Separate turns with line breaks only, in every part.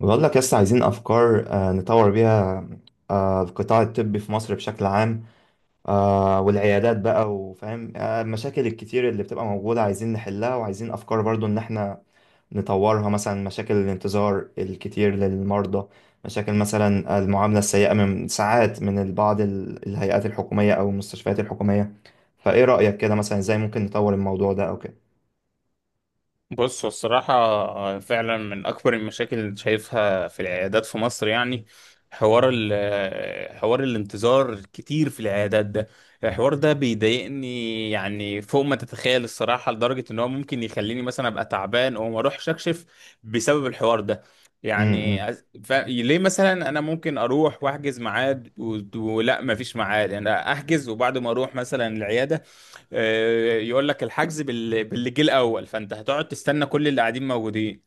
بقول لك لسه عايزين أفكار، نطور بيها. القطاع الطبي في مصر بشكل عام. والعيادات بقى، وفاهم المشاكل الكتير اللي بتبقى موجودة. عايزين نحلها، وعايزين أفكار برضو إن إحنا نطورها. مثلا مشاكل الانتظار الكتير للمرضى، مشاكل مثلا المعاملة السيئة من ساعات من بعض الهيئات الحكومية أو المستشفيات الحكومية. فإيه رأيك كده مثلا؟ إزاي ممكن نطور الموضوع ده أو كده؟
بص، هو الصراحة فعلا من أكبر المشاكل اللي شايفها في العيادات في مصر، يعني حوار ال حوار الانتظار كتير في العيادات ده. الحوار ده بيضايقني يعني فوق ما تتخيل الصراحة، لدرجة إن هو ممكن يخليني مثلا أبقى تعبان أو ما أروحش أكشف بسبب الحوار ده. يعني
م.
ليه مثلا أنا ممكن أروح وأحجز ميعاد ولا مفيش ميعاد؟ يعني أحجز وبعد ما أروح مثلا العيادة، يقول لك الحجز باللي جه الاول، فانت هتقعد تستنى كل اللي قاعدين موجودين.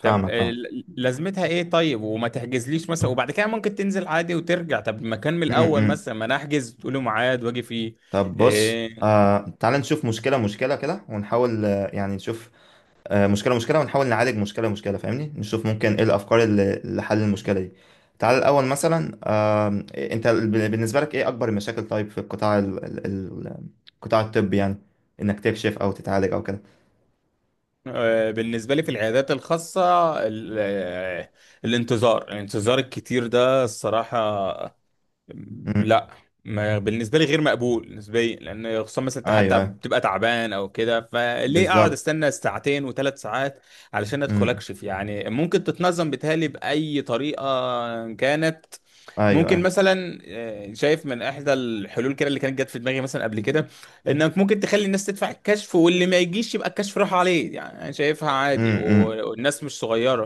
طب
فاهمك، فاهم.
لازمتها ايه طيب؟ وما تحجزليش مثلا وبعد كده ممكن تنزل عادي وترجع. طب ما كان من
م-
الاول
م.
مثلا، ما انا احجز تقولي ميعاد واجي فيه.
طب بص.
آه،
تعال نشوف مشكلة مشكلة كده، ونحاول يعني نشوف. مشكلة مشكلة، ونحاول نعالج مشكلة مشكلة، فاهمني. نشوف ممكن ايه الأفكار اللي لحل المشكلة دي. تعال الأول مثلا. انت بالنسبة لك ايه أكبر المشاكل طيب في القطاع القطاع الطبي يعني، انك تكشف او تتعالج او كده.
بالنسبه لي في العيادات الخاصه، ال- آه، الانتظار الكتير ده الصراحه،
امم.
لا، ما بالنسبه لي غير مقبول. بالنسبه لي لان خصوصا مثلا انت
ايوه،
حتى
ايوه،
بتبقى تعبان او كده، فليه اقعد
بالظبط.
استنى ساعتين و3 ساعات علشان ادخل
امم.
اكشف؟ يعني ممكن تتنظم، بتهيألي باي طريقه كانت.
ايوه،
ممكن
ايوه.
مثلا، شايف من احدى الحلول كده اللي كانت جت في دماغي مثلا قبل كده، انك ممكن تخلي الناس تدفع الكشف، واللي ما يجيش يبقى الكشف راح عليه. يعني انا شايفها عادي،
امم.
والناس مش صغيره،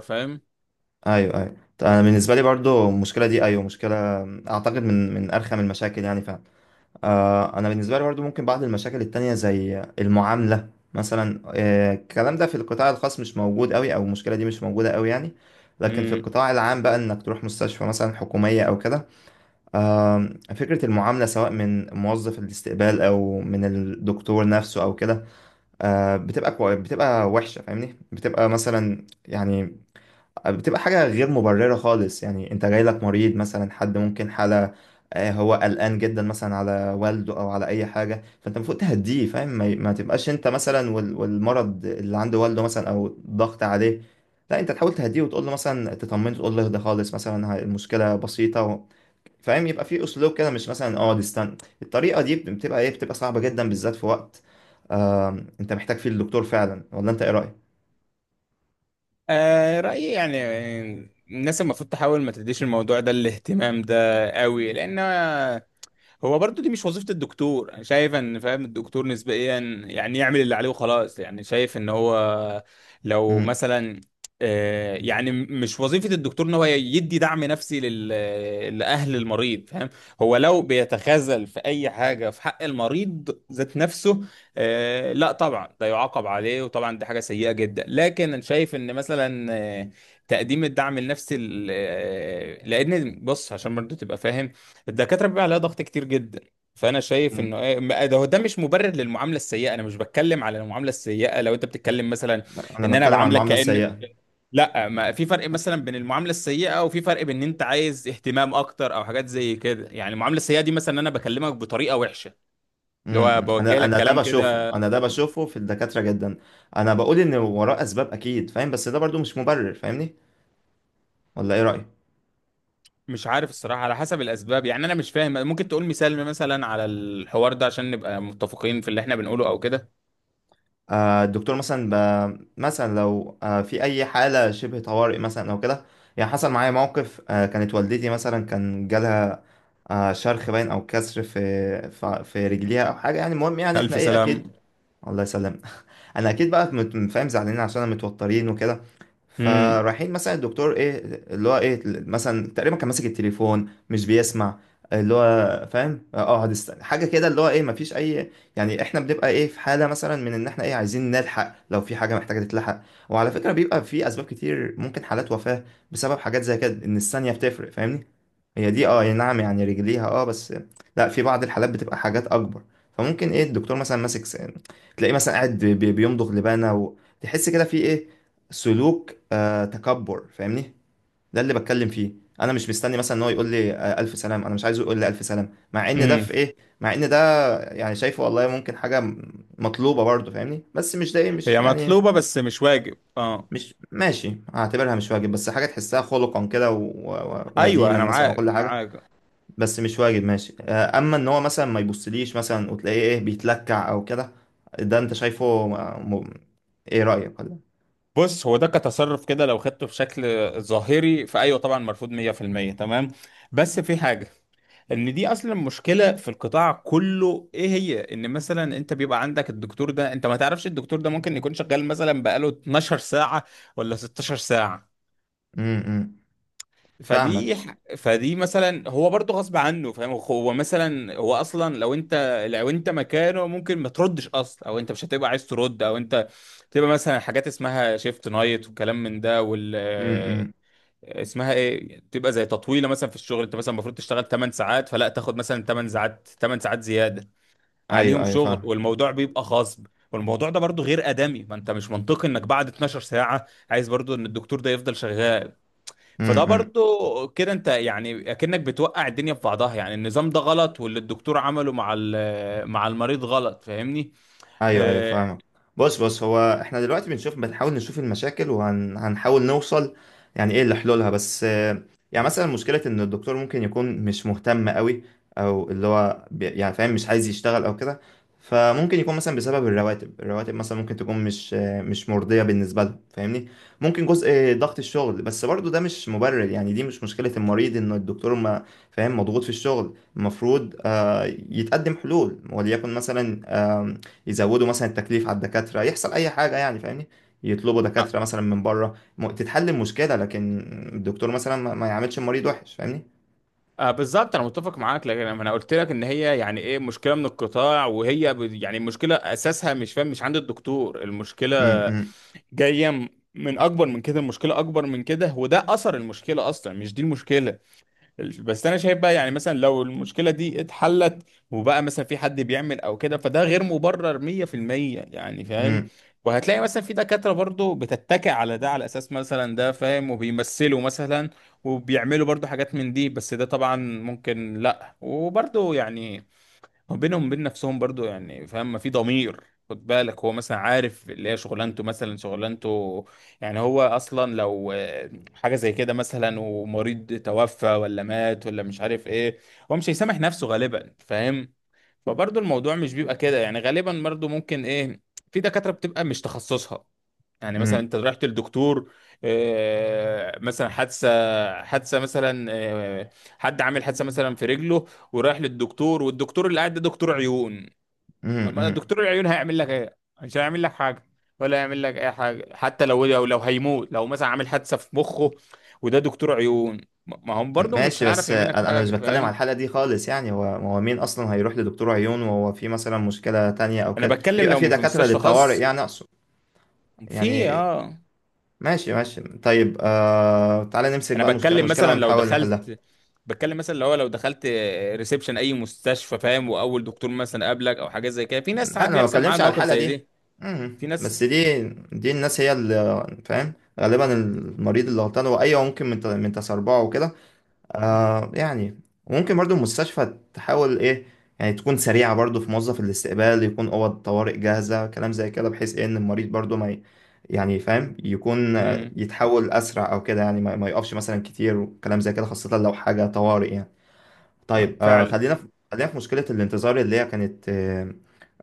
ايوه، ايوه، طيب. انا بالنسبة لي برضو المشكلة دي، ايوه، مشكلة. اعتقد من ارخم المشاكل يعني فعلا. انا بالنسبه لي برضو ممكن بعض المشاكل التانية زي المعامله مثلا. الكلام ده في القطاع الخاص مش موجود قوي، او المشكله دي مش موجوده قوي يعني. لكن في
فاهم؟
القطاع العام بقى، انك تروح مستشفى مثلا حكوميه او كده. آه، فكره المعامله، سواء من موظف الاستقبال او من الدكتور نفسه او كده. بتبقى كوي، بتبقى وحشه، فاهمني، بتبقى مثلا يعني. بتبقى حاجة غير مبررة خالص يعني. انت جاي لك مريض مثلا، حد ممكن حالة. هو قلقان جدا مثلا على والده او على اي حاجة. فانت المفروض تهديه، فاهم، ما تبقاش انت مثلا، والمرض اللي عند والده مثلا او ضغط عليه. لا، انت تحاول تهديه، وتقول له مثلا، تطمنه، تقول له اهدى خالص مثلا. المشكلة بسيطة. فاهم. يبقى في اسلوب كده، مش مثلا اقعد استنى. الطريقة دي بتبقى ايه، بتبقى صعبة جدا، بالذات في وقت انت محتاج فيه الدكتور فعلا. ولا انت ايه رأيك؟
آه رأيي يعني، الناس المفروض تحاول ما تديش الموضوع ده الاهتمام ده قوي، لأن هو برضو دي مش وظيفة الدكتور. انا شايف ان، فاهم، الدكتور نسبيا يعني يعمل اللي عليه وخلاص. يعني شايف ان هو لو
مم.
مثلا، مش وظيفة الدكتور ان هو يدي دعم نفسي لأهل المريض، فاهم؟ هو لو بيتخاذل في اي حاجة في حق المريض ذات نفسه، لا طبعا ده يعاقب عليه وطبعا دي حاجة سيئة جدا. لكن انا شايف ان مثلا، تقديم الدعم النفسي لان بص، عشان برضو تبقى فاهم، الدكاترة بيبقى عليها ضغط كتير جدا. فأنا شايف
مم.
إنه إيه ما- ده هو ده مش مبرر للمعاملة السيئة. أنا مش بتكلم على المعاملة السيئة لو أنت بتتكلم مثلا
لا، انا
إن أنا
بتكلم عن
بعاملك
المعاملة
كأنك،
السيئة.
لا، ما في فرق مثلا بين المعاملة السيئة، وفي فرق بين إن أنت عايز اهتمام أكتر أو حاجات زي كده. يعني المعاملة السيئة دي مثلا إن أنا بكلمك بطريقة وحشة، اللي
امم.
هو
امم.
بوجه
انا
لك
انا ده
كلام
بشوفه،
كده.
انا ده بشوفه في الدكاترة جدا. انا بقول ان وراه اسباب اكيد، فاهم، بس ده برضو مش مبرر، فاهمني. ولا ايه رأيك؟
مش عارف الصراحة على حسب الأسباب، يعني أنا مش فاهم. ممكن تقول مثال مثلا على الحوار ده عشان نبقى متفقين في اللي إحنا بنقوله أو كده.
الدكتور مثلا مثلا لو في اي حالة شبه طوارئ مثلا او كده. يعني حصل معايا موقف. كانت والدتي مثلا كان جالها شرخ باين او كسر في في رجليها او حاجة يعني. المهم يعني احنا،
ألف
ايه، اكيد.
سلام.
الله يسلم. انا اكيد بقى فاهم زعلانين، عشان أنا متوترين وكده. فرايحين مثلا الدكتور، ايه، اللي هو، ايه، مثلا تقريبا كان ماسك التليفون، مش بيسمع. اللي هو، فاهم، اقعد استنى حاجه كده. اللي هو، ايه، مفيش اي يعني. احنا بنبقى، ايه، في حاله مثلا، من ان احنا، ايه، عايزين نلحق لو في حاجه محتاجه تتلحق. وعلى فكره، بيبقى في اسباب كتير، ممكن حالات وفاه بسبب حاجات زي كده، ان الثانيه بتفرق، فاهمني. هي دي، اه، يعني نعم، يعني رجليها، اه، بس. لا، في بعض الحالات بتبقى حاجات اكبر. فممكن، ايه، الدكتور مثلا ماسك تلاقيه مثلا قاعد بيمضغ لبانه. وتحس كده في، ايه، سلوك تكبر، فاهمني. ده اللي بتكلم فيه. انا مش مستني مثلا ان هو يقول لي الف سلام. انا مش عايزه يقول لي الف سلام، مع ان ده
امم،
في، ايه، مع ان ده يعني شايفه والله، ممكن حاجه مطلوبه برضه، فاهمني. بس مش ده، ايه، مش
هي
يعني،
مطلوبة بس مش واجب، اه.
مش ماشي، هعتبرها مش واجب، بس حاجه تحسها خلقا كده
ايوه
ودينا
انا
مثلا
معاك،
وكل حاجه.
معاك.
بس مش واجد ماشي. اما ان هو مثلا ما يبصليش مثلا، وتلاقيه، ايه، بيتلكع او كده. ده انت شايفه. ايه رأيك ولا؟
بص، هو ده كتصرف كده لو خدته في شكل ظاهري، فايوه طبعا مرفوض 100%، تمام. بس في حاجة، ان دي اصلا مشكلة في القطاع كله. ايه هي؟ ان مثلا انت بيبقى عندك الدكتور ده، انت ما تعرفش، الدكتور ده ممكن يكون شغال مثلا بقاله 12 ساعة ولا 16 ساعة.
امم. إمم. فاهمك.
فدي فدي مثلا هو برضه غصب عنه، فاهم؟ هو مثلا، هو اصلا لو انت، لو انت مكانه ممكن ما تردش اصلا، او انت مش هتبقى عايز ترد، او انت تبقى مثلا حاجات اسمها شيفت نايت والكلام من ده، وال
امم.
آه،
إمم.
اسمها ايه، تبقى زي تطويله مثلا في الشغل. انت مثلا المفروض تشتغل 8 ساعات، فلا تاخد مثلا 8 ساعات 8 ساعات زياده عليهم
ايوه، ايوه،
شغل.
فاهم.
والموضوع بيبقى غصب، والموضوع ده برضه غير ادمي. ما انت مش منطقي انك بعد 12 ساعه عايز برضه ان الدكتور ده يفضل شغال.
امم.
فده
إمم.
برضو كده انت يعني اكنك بتوقع الدنيا في بعضها. يعني النظام ده غلط، واللي الدكتور عمله مع مع المريض غلط، فاهمني؟
ايوه، ايوه،
آه
فاهمك. بص، بص، هو احنا دلوقتي بنشوف، نشوف المشاكل، وهنحاول نوصل يعني، ايه، لحلولها. بس يعني مثلا، مشكلة إن الدكتور ممكن يكون مش مهتم قوي، أو اللي هو يعني فاهم، مش عايز يشتغل أو كده. فممكن يكون مثلا بسبب الرواتب مثلا ممكن تكون مش مرضية بالنسبة لهم، فاهمني. ممكن جزء ضغط الشغل، بس برضو ده مش مبرر يعني. دي مش مشكلة المريض إن الدكتور ما، فاهم، مضغوط في الشغل. المفروض يتقدم حلول، وليكن مثلا آم، يزودوا مثلا التكليف على الدكاترة، يحصل أي حاجة يعني، فاهمني. يطلبوا
آه
دكاترة مثلا من بره، تتحل المشكلة. لكن الدكتور مثلا ما يعملش المريض وحش، فاهمني.
بالظبط، انا متفق معاك. لكن انا قلت لك ان هي يعني ايه، مشكله من القطاع، وهي يعني المشكله اساسها مش، فاهم، مش عند الدكتور المشكله.
أمم. أمم.
جايه من اكبر من كده. المشكله اكبر من كده، وده اثر المشكله، اصلا مش دي المشكله. بس انا شايف بقى يعني مثلا لو المشكله دي اتحلت وبقى مثلا في حد بيعمل او كده، فده غير مبرر 100%، يعني فاهم؟ وهتلاقي مثلا في دكاتره برضو بتتكئ على ده، على اساس مثلا ده، فاهم، وبيمثلوا مثلا، وبيعملوا برضو حاجات من دي. بس ده طبعا ممكن لا، وبرضو يعني هو بينهم وبين نفسهم برضو، يعني فاهم، ما في ضمير. خد بالك هو مثلا عارف اللي هي شغلانته، مثلا شغلانته يعني. هو اصلا لو حاجه زي كده مثلا، ومريض توفى ولا مات ولا مش عارف ايه، هو مش هيسامح نفسه غالبا، فاهم؟ فبرضو الموضوع مش بيبقى كده. يعني غالبا برضو ممكن ايه، في دكاتره بتبقى مش تخصصها. يعني مثلا
أمم.
انت رحت للدكتور، آه، مثلا حادثه حادثه مثلا آه، حد عامل حادثه مثلا في رجله، ورايح للدكتور، والدكتور اللي قاعد ده دكتور عيون.
أمم.
أما
أمم.
دكتور العيون هيعمل لك ايه؟ مش هيعمل لك حاجه، ولا هيعمل لك اي حاجه، حتى لو هيموت، لو مثلا عامل حادثه في مخه وده دكتور عيون، ما هم برضه مش
ماشي،
هيعرف
بس
يعمل لك
أنا مش
حاجه،
بتكلم على
فاهم؟
الحالة دي خالص يعني. هو مين اصلا هيروح لدكتور عيون وهو في مثلا مشكلة تانية او
انا
كده؟
بتكلم
بيبقى في
لو في
دكاترة
مستشفى
للطوارئ،
خاص،
يعني اقصد.
في
يعني
اه.
ماشي، ماشي، طيب. تعالى نمسك
انا
بقى مشكلة
بتكلم
مشكلة،
مثلا لو
ونحاول نحلها.
دخلت، بتكلم مثلا لو دخلت ريسبشن اي مستشفى، فاهم، واول دكتور مثلا قابلك او حاجه زي كده. في ناس
لا،
ساعات
انا ما
بيحصل معاها
بتكلمش على
المواقف
الحالة
زي
دي.
دي، في
أمم.
ناس.
بس دي الناس هي اللي، فاهم، غالبا المريض اللي غلطان هو. ايوه، ممكن من تسربعه وكده. يعني ممكن برضو المستشفى تحاول، ايه، يعني تكون سريعة برضو. في موظف الاستقبال، يكون أوض طوارئ جاهزة، كلام زي كده، بحيث، ايه، ان المريض برضو ما يعني فاهم، يكون
مم.
يتحول أسرع أو كده يعني. ما يقفش مثلا كتير، وكلام زي كده، خاصة لو حاجة طوارئ يعني.
آه،
طيب.
فعلا.
خلينا في مشكلة الانتظار اللي هي كانت آه،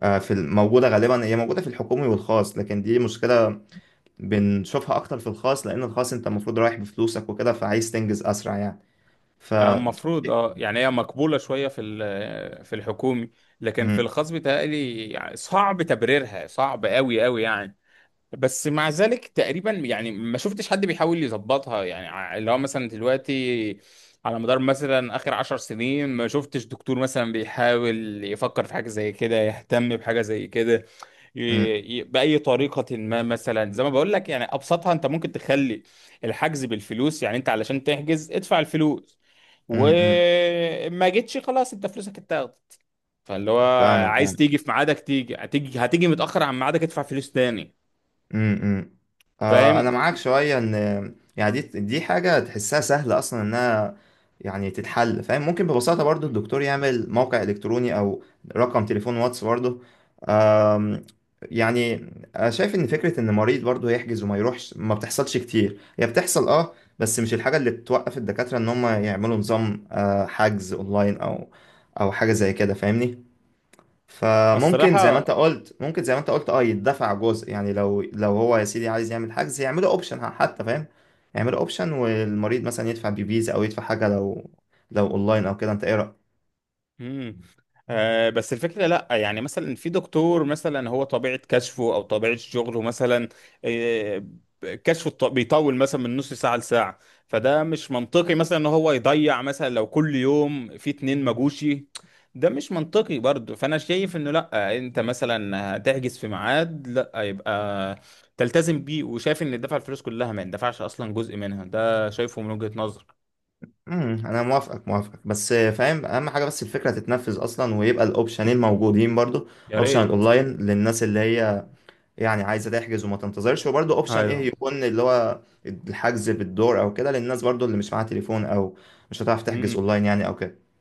آه، في الموجودة غالبا. هي موجودة في الحكومي والخاص، لكن دي مشكلة بنشوفها أكتر في الخاص، لأن الخاص أنت المفروض رايح بفلوسك وكده، فعايز تنجز أسرع يعني. ف
آه، المفروض اه، يعني هي مقبولة شوية في الحكومي، لكن في الخاص بيتهيألي يعني صعب تبريرها، صعب قوي قوي يعني. بس مع ذلك تقريبا يعني ما شفتش حد بيحاول يظبطها، يعني اللي هو مثلا دلوقتي، على مدار مثلا اخر 10 سنين، ما شفتش دكتور مثلا بيحاول يفكر في حاجة زي كده، يهتم بحاجة زي كده، ي-
امم.
بأي طريقة. ما مثلا زي ما بقول لك يعني، أبسطها، أنت ممكن تخلي الحجز بالفلوس. يعني أنت علشان تحجز ادفع الفلوس،
امم.
وما جيتش، خلاص، أنت فلوسك اتاخدت. فاللي هو
فاهمك.
عايز تيجي في ميعادك تيجي، هتيجي متأخر عن ميعادك، ادفع فلوس تاني،
امم.
فاهم؟
انا معاك شويه، ان يعني دي حاجه تحسها سهله اصلا، انها يعني تتحل، فاهم. ممكن ببساطه برضو الدكتور يعمل موقع الكتروني، او رقم تليفون واتس برضو. آم، يعني أنا شايف ان فكره ان مريض برضو يحجز وما يروحش، ما بتحصلش كتير. هي بتحصل، اه، بس مش الحاجه اللي بتوقف الدكاتره ان هم يعملوا نظام حجز اونلاين، او حاجه زي كده، فاهمني. فممكن
الصراحة.
زي ما انت قلت، اه، يدفع جزء يعني، لو هو يا سيدي عايز يعمل حجز، يعمله اوبشن حتى، فاهم. يعمله اوبشن، والمريض مثلا يدفع بفيزا، او يدفع حاجه لو اونلاين او كده. انت ايه رايك؟
مم. آه، بس الفكرة لأ، يعني مثلا في دكتور مثلا هو طبيعة كشفه أو طبيعة شغله مثلا، آه، بيطول مثلا من نص ساعة لساعة، فده مش منطقي مثلا إن هو يضيع مثلا لو كل يوم في اتنين مجوشي. ده مش منطقي برضه. فأنا شايف إنه لأ، أنت مثلا هتحجز في ميعاد لأ، يبقى تلتزم بيه. وشايف إن دفع الفلوس كلها ما يندفعش أصلا، جزء منها، ده شايفه من وجهة نظر.
امم. انا موافقك، موافقك، بس، فاهم، اهم حاجه بس الفكره تتنفذ اصلا، ويبقى الاوبشنين موجودين برضو.
يا
اوبشن
ريت.
الاونلاين للناس اللي هي يعني عايزه تحجز وما تنتظرش، وبرضو اوبشن، ايه،
أيوه.
يكون اللي هو الحجز بالدور او كده، للناس برضو اللي مش معاها تليفون او مش هتعرف تحجز اونلاين يعني او كده.